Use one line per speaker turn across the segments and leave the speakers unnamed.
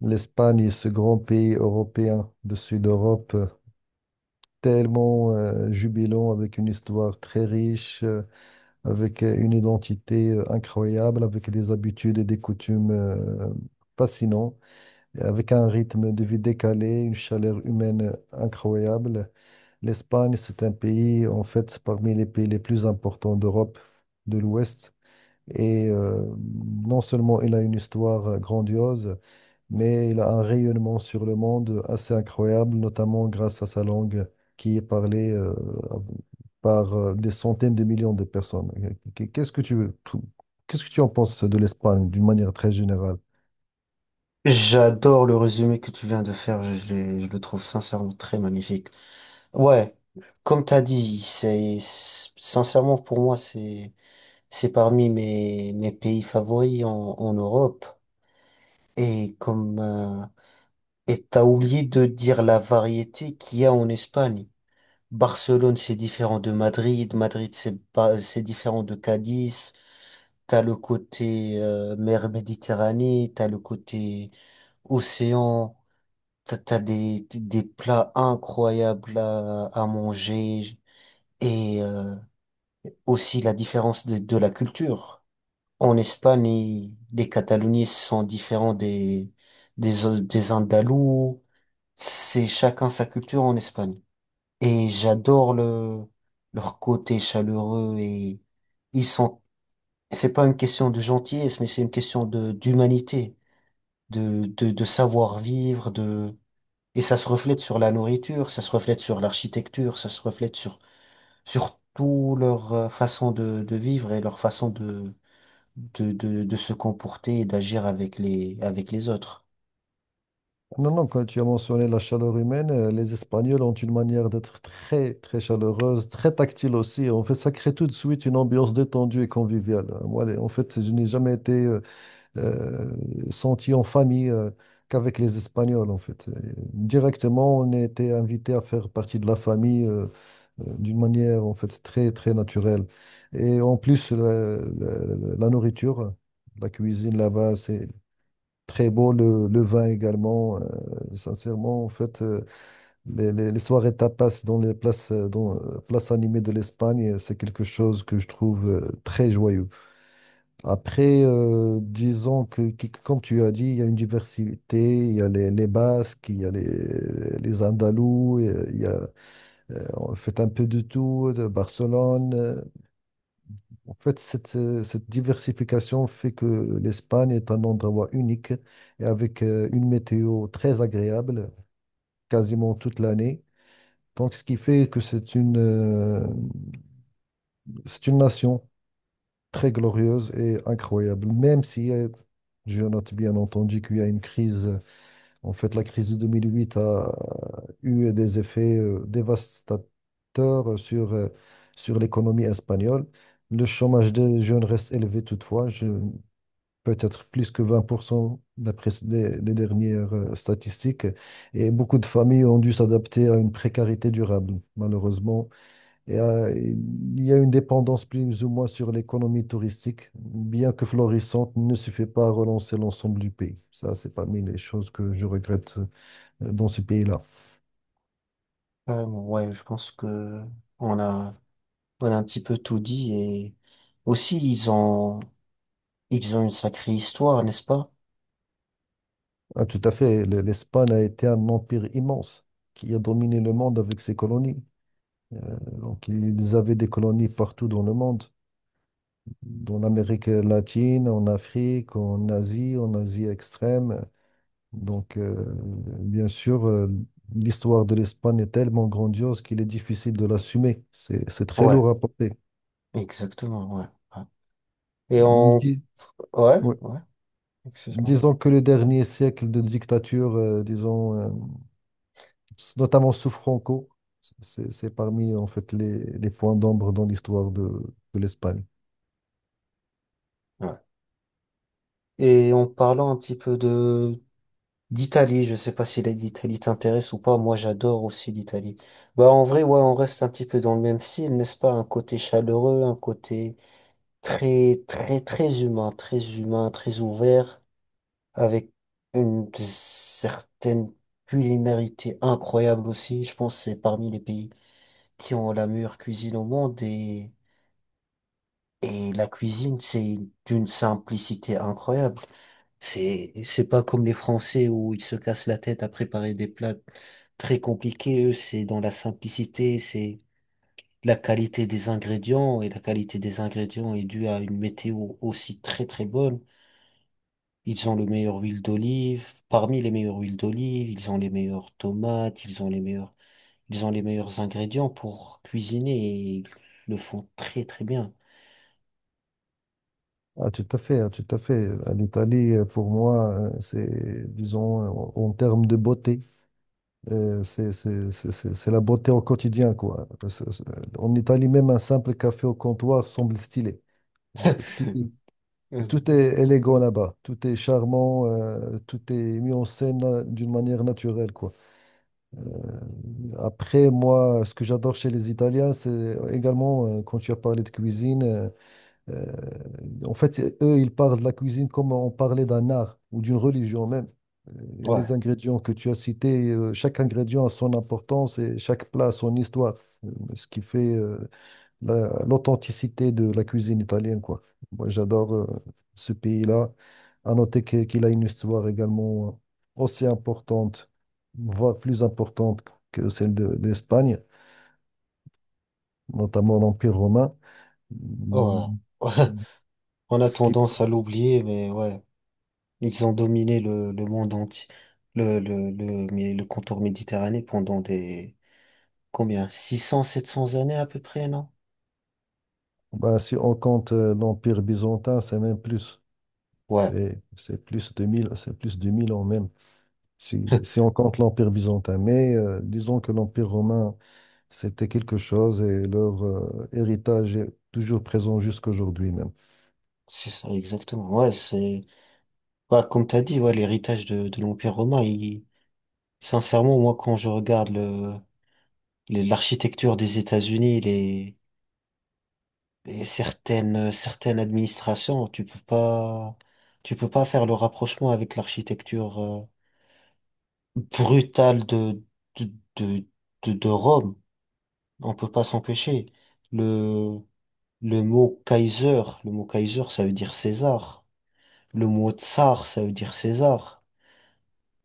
L'Espagne est ce grand pays européen du sud d'Europe, tellement jubilant, avec une histoire très riche, avec une identité incroyable, avec des habitudes et des coutumes fascinants, avec un rythme de vie décalé, une chaleur humaine incroyable. L'Espagne, c'est un pays, en fait, parmi les pays les plus importants d'Europe de l'Ouest. Et euh, non seulement il a une histoire grandiose, mais il a un rayonnement sur le monde assez incroyable, notamment grâce à sa langue qui est parlée par des centaines de millions de personnes. Qu- Qu'est-ce que tu, qu'est-ce que tu en penses de l'Espagne d'une manière très générale?
J'adore le résumé que tu viens de faire, je le trouve sincèrement très magnifique. Ouais, comme t'as dit, sincèrement pour moi c'est parmi mes pays favoris en Europe. Et comme et t'as oublié de dire la variété qu'il y a en Espagne. Barcelone c'est différent de Madrid, Madrid c'est pas c'est différent de Cadiz. T'as le côté mer Méditerranée, t'as le côté océan. T'as des plats incroyables à manger et aussi la différence de la culture. En Espagne, les Cataloniens sont différents des Andalous. C'est chacun sa culture en Espagne. Et j'adore leur côté chaleureux et ils sont, c'est pas une question de gentillesse, mais c'est une question d'humanité, de savoir vivre, et ça se reflète sur la nourriture, ça se reflète sur l'architecture, ça se reflète sur tout leur façon de vivre et leur façon de se comporter et d'agir avec avec les autres.
Non, non, quand tu as mentionné la chaleur humaine, les Espagnols ont une manière d'être très, très chaleureuse, très tactile aussi. En fait, ça crée tout de suite une ambiance détendue et conviviale. Moi, en fait, je n'ai jamais été euh, senti en famille qu'avec les Espagnols, en fait. Et directement, on était invité à faire partie de la famille d'une manière, en fait, très, très naturelle. Et en plus, la nourriture, la cuisine là-bas, c'est très beau. Le vin également. Sincèrement, en fait, les soirées tapas dans les places, dans, places animées de l'Espagne, c'est quelque chose que je trouve très joyeux. Après, disons comme tu as dit, il y a une diversité, il y a les Basques, il y a les Andalous, il y a, on fait un peu de tout, de Barcelone. En fait, cette diversification fait que l'Espagne est un endroit unique et avec une météo très agréable quasiment toute l'année. Donc, ce qui fait que c'est c'est une nation très glorieuse et incroyable, même si je note bien entendu qu'il y a une crise. En fait, la crise de 2008 a eu des effets dévastateurs sur l'économie espagnole. Le chômage des jeunes reste élevé toutefois, peut-être plus que 20% d'après les dernières statistiques. Et beaucoup de familles ont dû s'adapter à une précarité durable. Malheureusement, et, euh, il y a une dépendance plus ou moins sur l'économie touristique, bien que florissante, ne suffit pas à relancer l'ensemble du pays. Ça, c'est parmi les choses que je regrette dans ce pays-là.
Carrément, ouais, je pense que on a, on a un petit peu tout dit et aussi ils ont une sacrée histoire, n'est-ce pas?
Ah, tout à fait, l'Espagne a été un empire immense qui a dominé le monde avec ses colonies. Donc, ils avaient des colonies partout dans le monde, dans l'Amérique latine, en Afrique, en Asie extrême. Donc, bien sûr, l'histoire de l'Espagne est tellement grandiose qu'il est difficile de l'assumer. C'est très
Ouais.
lourd à porter.
Exactement, ouais. Ouais. Et on...
Dis-
Ouais,
ouais.
ouais, excuse-moi.
Disons que le dernier siècle de dictature, disons, notamment sous Franco, c'est parmi en fait les points d'ombre dans l'histoire de l'Espagne.
Ouais. Et en parlant un petit peu de d'Italie, je sais pas si l'Italie t'intéresse ou pas, moi j'adore aussi l'Italie. Bah en vrai, ouais, on reste un petit peu dans le même style, n'est-ce pas? Un côté chaleureux, un côté très, très, très humain, très humain, très ouvert, avec une certaine culinarité incroyable aussi. Je pense que c'est parmi les pays qui ont la meilleure cuisine au monde et... Et la cuisine, c'est d'une simplicité incroyable. C'est pas comme les Français où ils se cassent la tête à préparer des plats très compliqués. Eux, c'est dans la simplicité, c'est la qualité des ingrédients. Et la qualité des ingrédients est due à une météo aussi très très bonne. Ils ont le meilleur huile d'olive. Parmi les meilleures huiles d'olive, ils ont les meilleures tomates, ils ont les meilleurs ingrédients pour cuisiner et ils le font très très bien.
Ah, tout à fait, ah, tout à fait. L'Italie, pour moi, c'est, disons, en en termes de beauté. C'est la beauté au quotidien, quoi. En Italie, même un simple café au comptoir semble stylé. En fait, tout est élégant là-bas. Tout est charmant, tout est mis en scène d'une manière naturelle, quoi. Après, moi, ce que j'adore chez les Italiens, c'est également, quand tu as parlé de cuisine, euh, en fait, eux, ils parlent de la cuisine comme on parlait d'un art ou d'une religion même. Euh,
Ouais.
Les ingrédients que tu as cités, chaque ingrédient a son importance et chaque plat a son histoire. Ce qui fait l'authenticité de la cuisine italienne, quoi. Moi, j'adore ce pays-là. À noter qu'il a une histoire également aussi importante, voire plus importante que celle de, d'Espagne, notamment l'Empire romain.
Oh,
Mm.
ouais. On a
Ce qui
tendance à l'oublier, mais ouais, ils ont dominé le monde entier, le contour méditerranéen pendant des, combien? Six cents, sept 700 années à peu près, non?
Bah, si on compte l'Empire byzantin, c'est même plus.
Ouais,
C'est plus de 1000, c'est plus de 1000 ans même, si on compte l'Empire byzantin. Mais disons que l'Empire romain, c'était quelque chose et leur héritage est toujours présent jusqu'aujourd'hui même.
c'est ça, exactement. Ouais, c'est, ouais, comme t'as dit, ouais, l'héritage de l'Empire romain, il, sincèrement, moi, quand je regarde l'architecture des États-Unis, les certaines, certaines administrations, tu peux pas faire le rapprochement avec l'architecture, brutale de, de, de Rome. On peut pas s'empêcher. Le, le mot Kaiser, ça veut dire César. Le mot Tsar, ça veut dire César.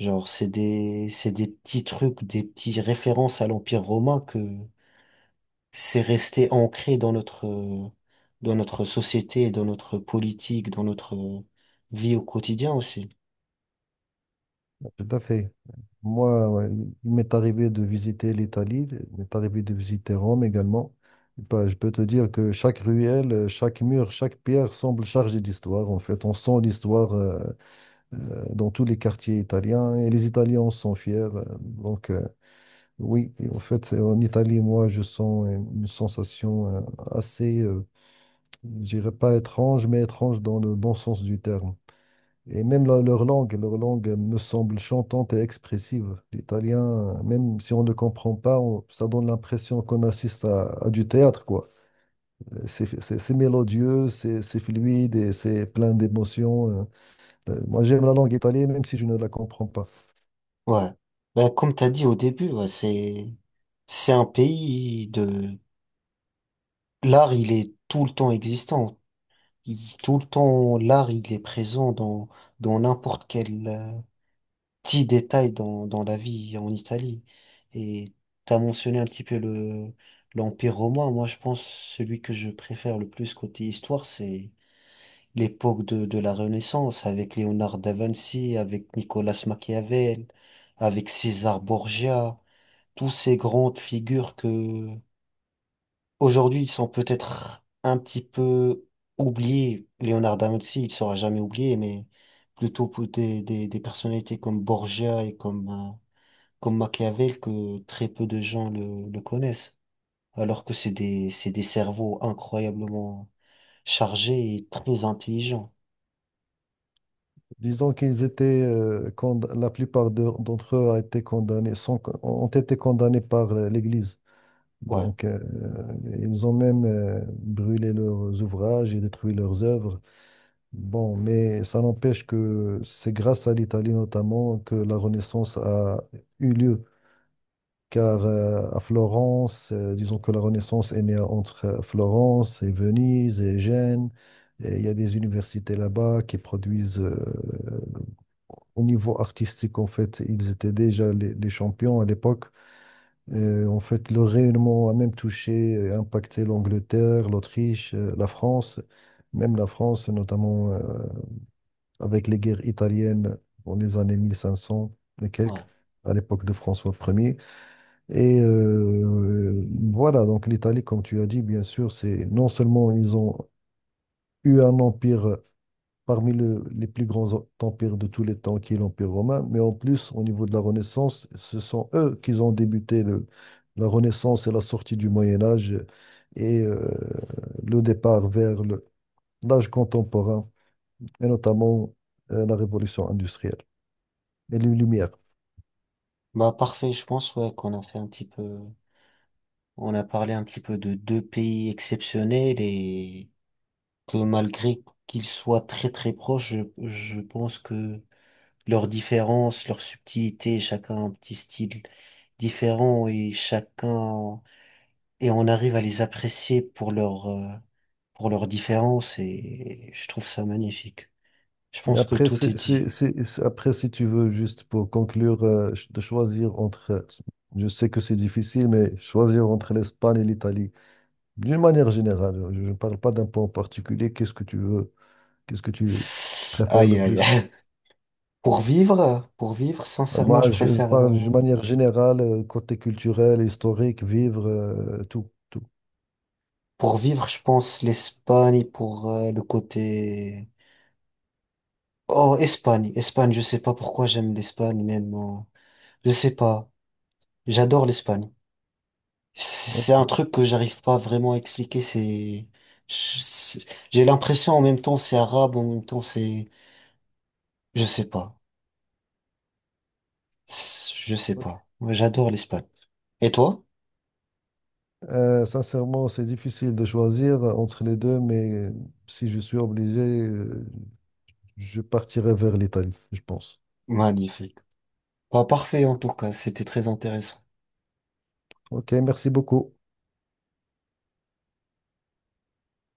Genre, c'est des petits trucs, des petites références à l'Empire romain que c'est resté ancré dans dans notre société, dans notre politique, dans notre vie au quotidien aussi.
Tout à fait. Moi, ouais, il m'est arrivé de visiter l'Italie, il m'est arrivé de visiter Rome également. Bah, je peux te dire que chaque ruelle, chaque mur, chaque pierre semble chargée d'histoire. En fait, on sent l'histoire dans tous les quartiers italiens et les Italiens en sont fiers. Donc, oui, et en fait, en Italie, moi, je sens une sensation assez, euh, je dirais pas étrange, mais étrange dans le bon sens du terme. Et même leur langue me semble chantante et expressive. L'italien, même si on ne comprend pas, ça donne l'impression qu'on assiste à du théâtre, quoi. C'est mélodieux, c'est fluide et c'est plein d'émotions. Moi, j'aime la langue italienne, même si je ne la comprends pas.
Ouais. Ben comme t'as dit au début, ouais, c'est un pays de l'art. Il est tout le temps existant. Tout le temps, l'art, il est présent dans n'importe quel petit détail dans la vie en Italie. Et tu as mentionné un petit peu l'Empire romain. Moi, je pense celui que je préfère le plus côté histoire, c'est l'époque de la Renaissance avec Léonard da Vinci, avec Nicolas Machiavel, avec César Borgia, tous ces grandes figures que Aujourd'hui, ils sont peut-être un petit peu oubliés. Léonard da Vinci, il sera jamais oublié, mais plutôt pour des personnalités comme Borgia et comme Machiavel que très peu de gens le connaissent. Alors que c'est des cerveaux incroyablement chargés et très intelligents.
Disons qu'ils étaient, la plupart d'entre eux a été ont été condamnés par l'Église.
Ouais,
Donc, ils ont même brûlé leurs ouvrages et détruit leurs œuvres. Bon, mais ça n'empêche que c'est grâce à l'Italie notamment que la Renaissance a eu lieu. Car à Florence, disons que la Renaissance est née entre Florence et Venise et Gênes. Et il y a des universités là-bas qui produisent au niveau artistique, en fait, ils étaient déjà les champions à l'époque. En fait, le rayonnement a même touché et impacté l'Angleterre, l'Autriche, la France, même la France, notamment avec les guerres italiennes dans les années 1500 et quelques,
ouais.
à l'époque de François Ier. Voilà, donc l'Italie, comme tu as dit, bien sûr, c'est non seulement ils ont eu un empire parmi les plus grands empires de tous les temps, qui est l'Empire romain. Mais en plus, au niveau de la Renaissance, ce sont eux qui ont débuté la Renaissance et la sortie du Moyen Âge et euh, le départ vers l'âge contemporain, et notamment la révolution industrielle. Lumière.
Bah, parfait, je pense, ouais, qu'on a fait un petit peu, on a parlé un petit peu de deux pays exceptionnels et que malgré qu'ils soient très très proches, je pense que leurs différences, leurs subtilités, chacun a un petit style différent et chacun et on arrive à les apprécier pour leur pour leurs différences et je trouve ça magnifique. Je
Et
pense que
après,
tout est dit.
après, si tu veux, juste pour conclure, de choisir entre, je sais que c'est difficile, mais choisir entre l'Espagne et l'Italie, d'une manière générale, je ne parle pas d'un point en particulier, qu'est-ce que tu préfères
Aïe
le
aïe.
plus?
Aïe. Pour vivre, sincèrement, je
Moi, je
préfère
parle d'une manière générale, côté culturel, historique, vivre, tout, tout.
pour vivre, je pense l'Espagne pour le côté... Oh, Espagne, Espagne, je sais pas pourquoi j'aime l'Espagne, même je sais pas. J'adore l'Espagne. C'est
Ok.
un truc que j'arrive pas vraiment à expliquer. C'est, je- c'est- j'ai l'impression en même temps c'est arabe, en même temps c'est, je sais pas. Je sais
Ok.
pas. Moi, j'adore l'Espagne. Et toi?
Sincèrement, c'est difficile de choisir entre les deux, mais si je suis obligé, je partirai vers l'Italie, je pense.
Magnifique. Pas parfait en tout cas. C'était très intéressant.
Ok, merci beaucoup.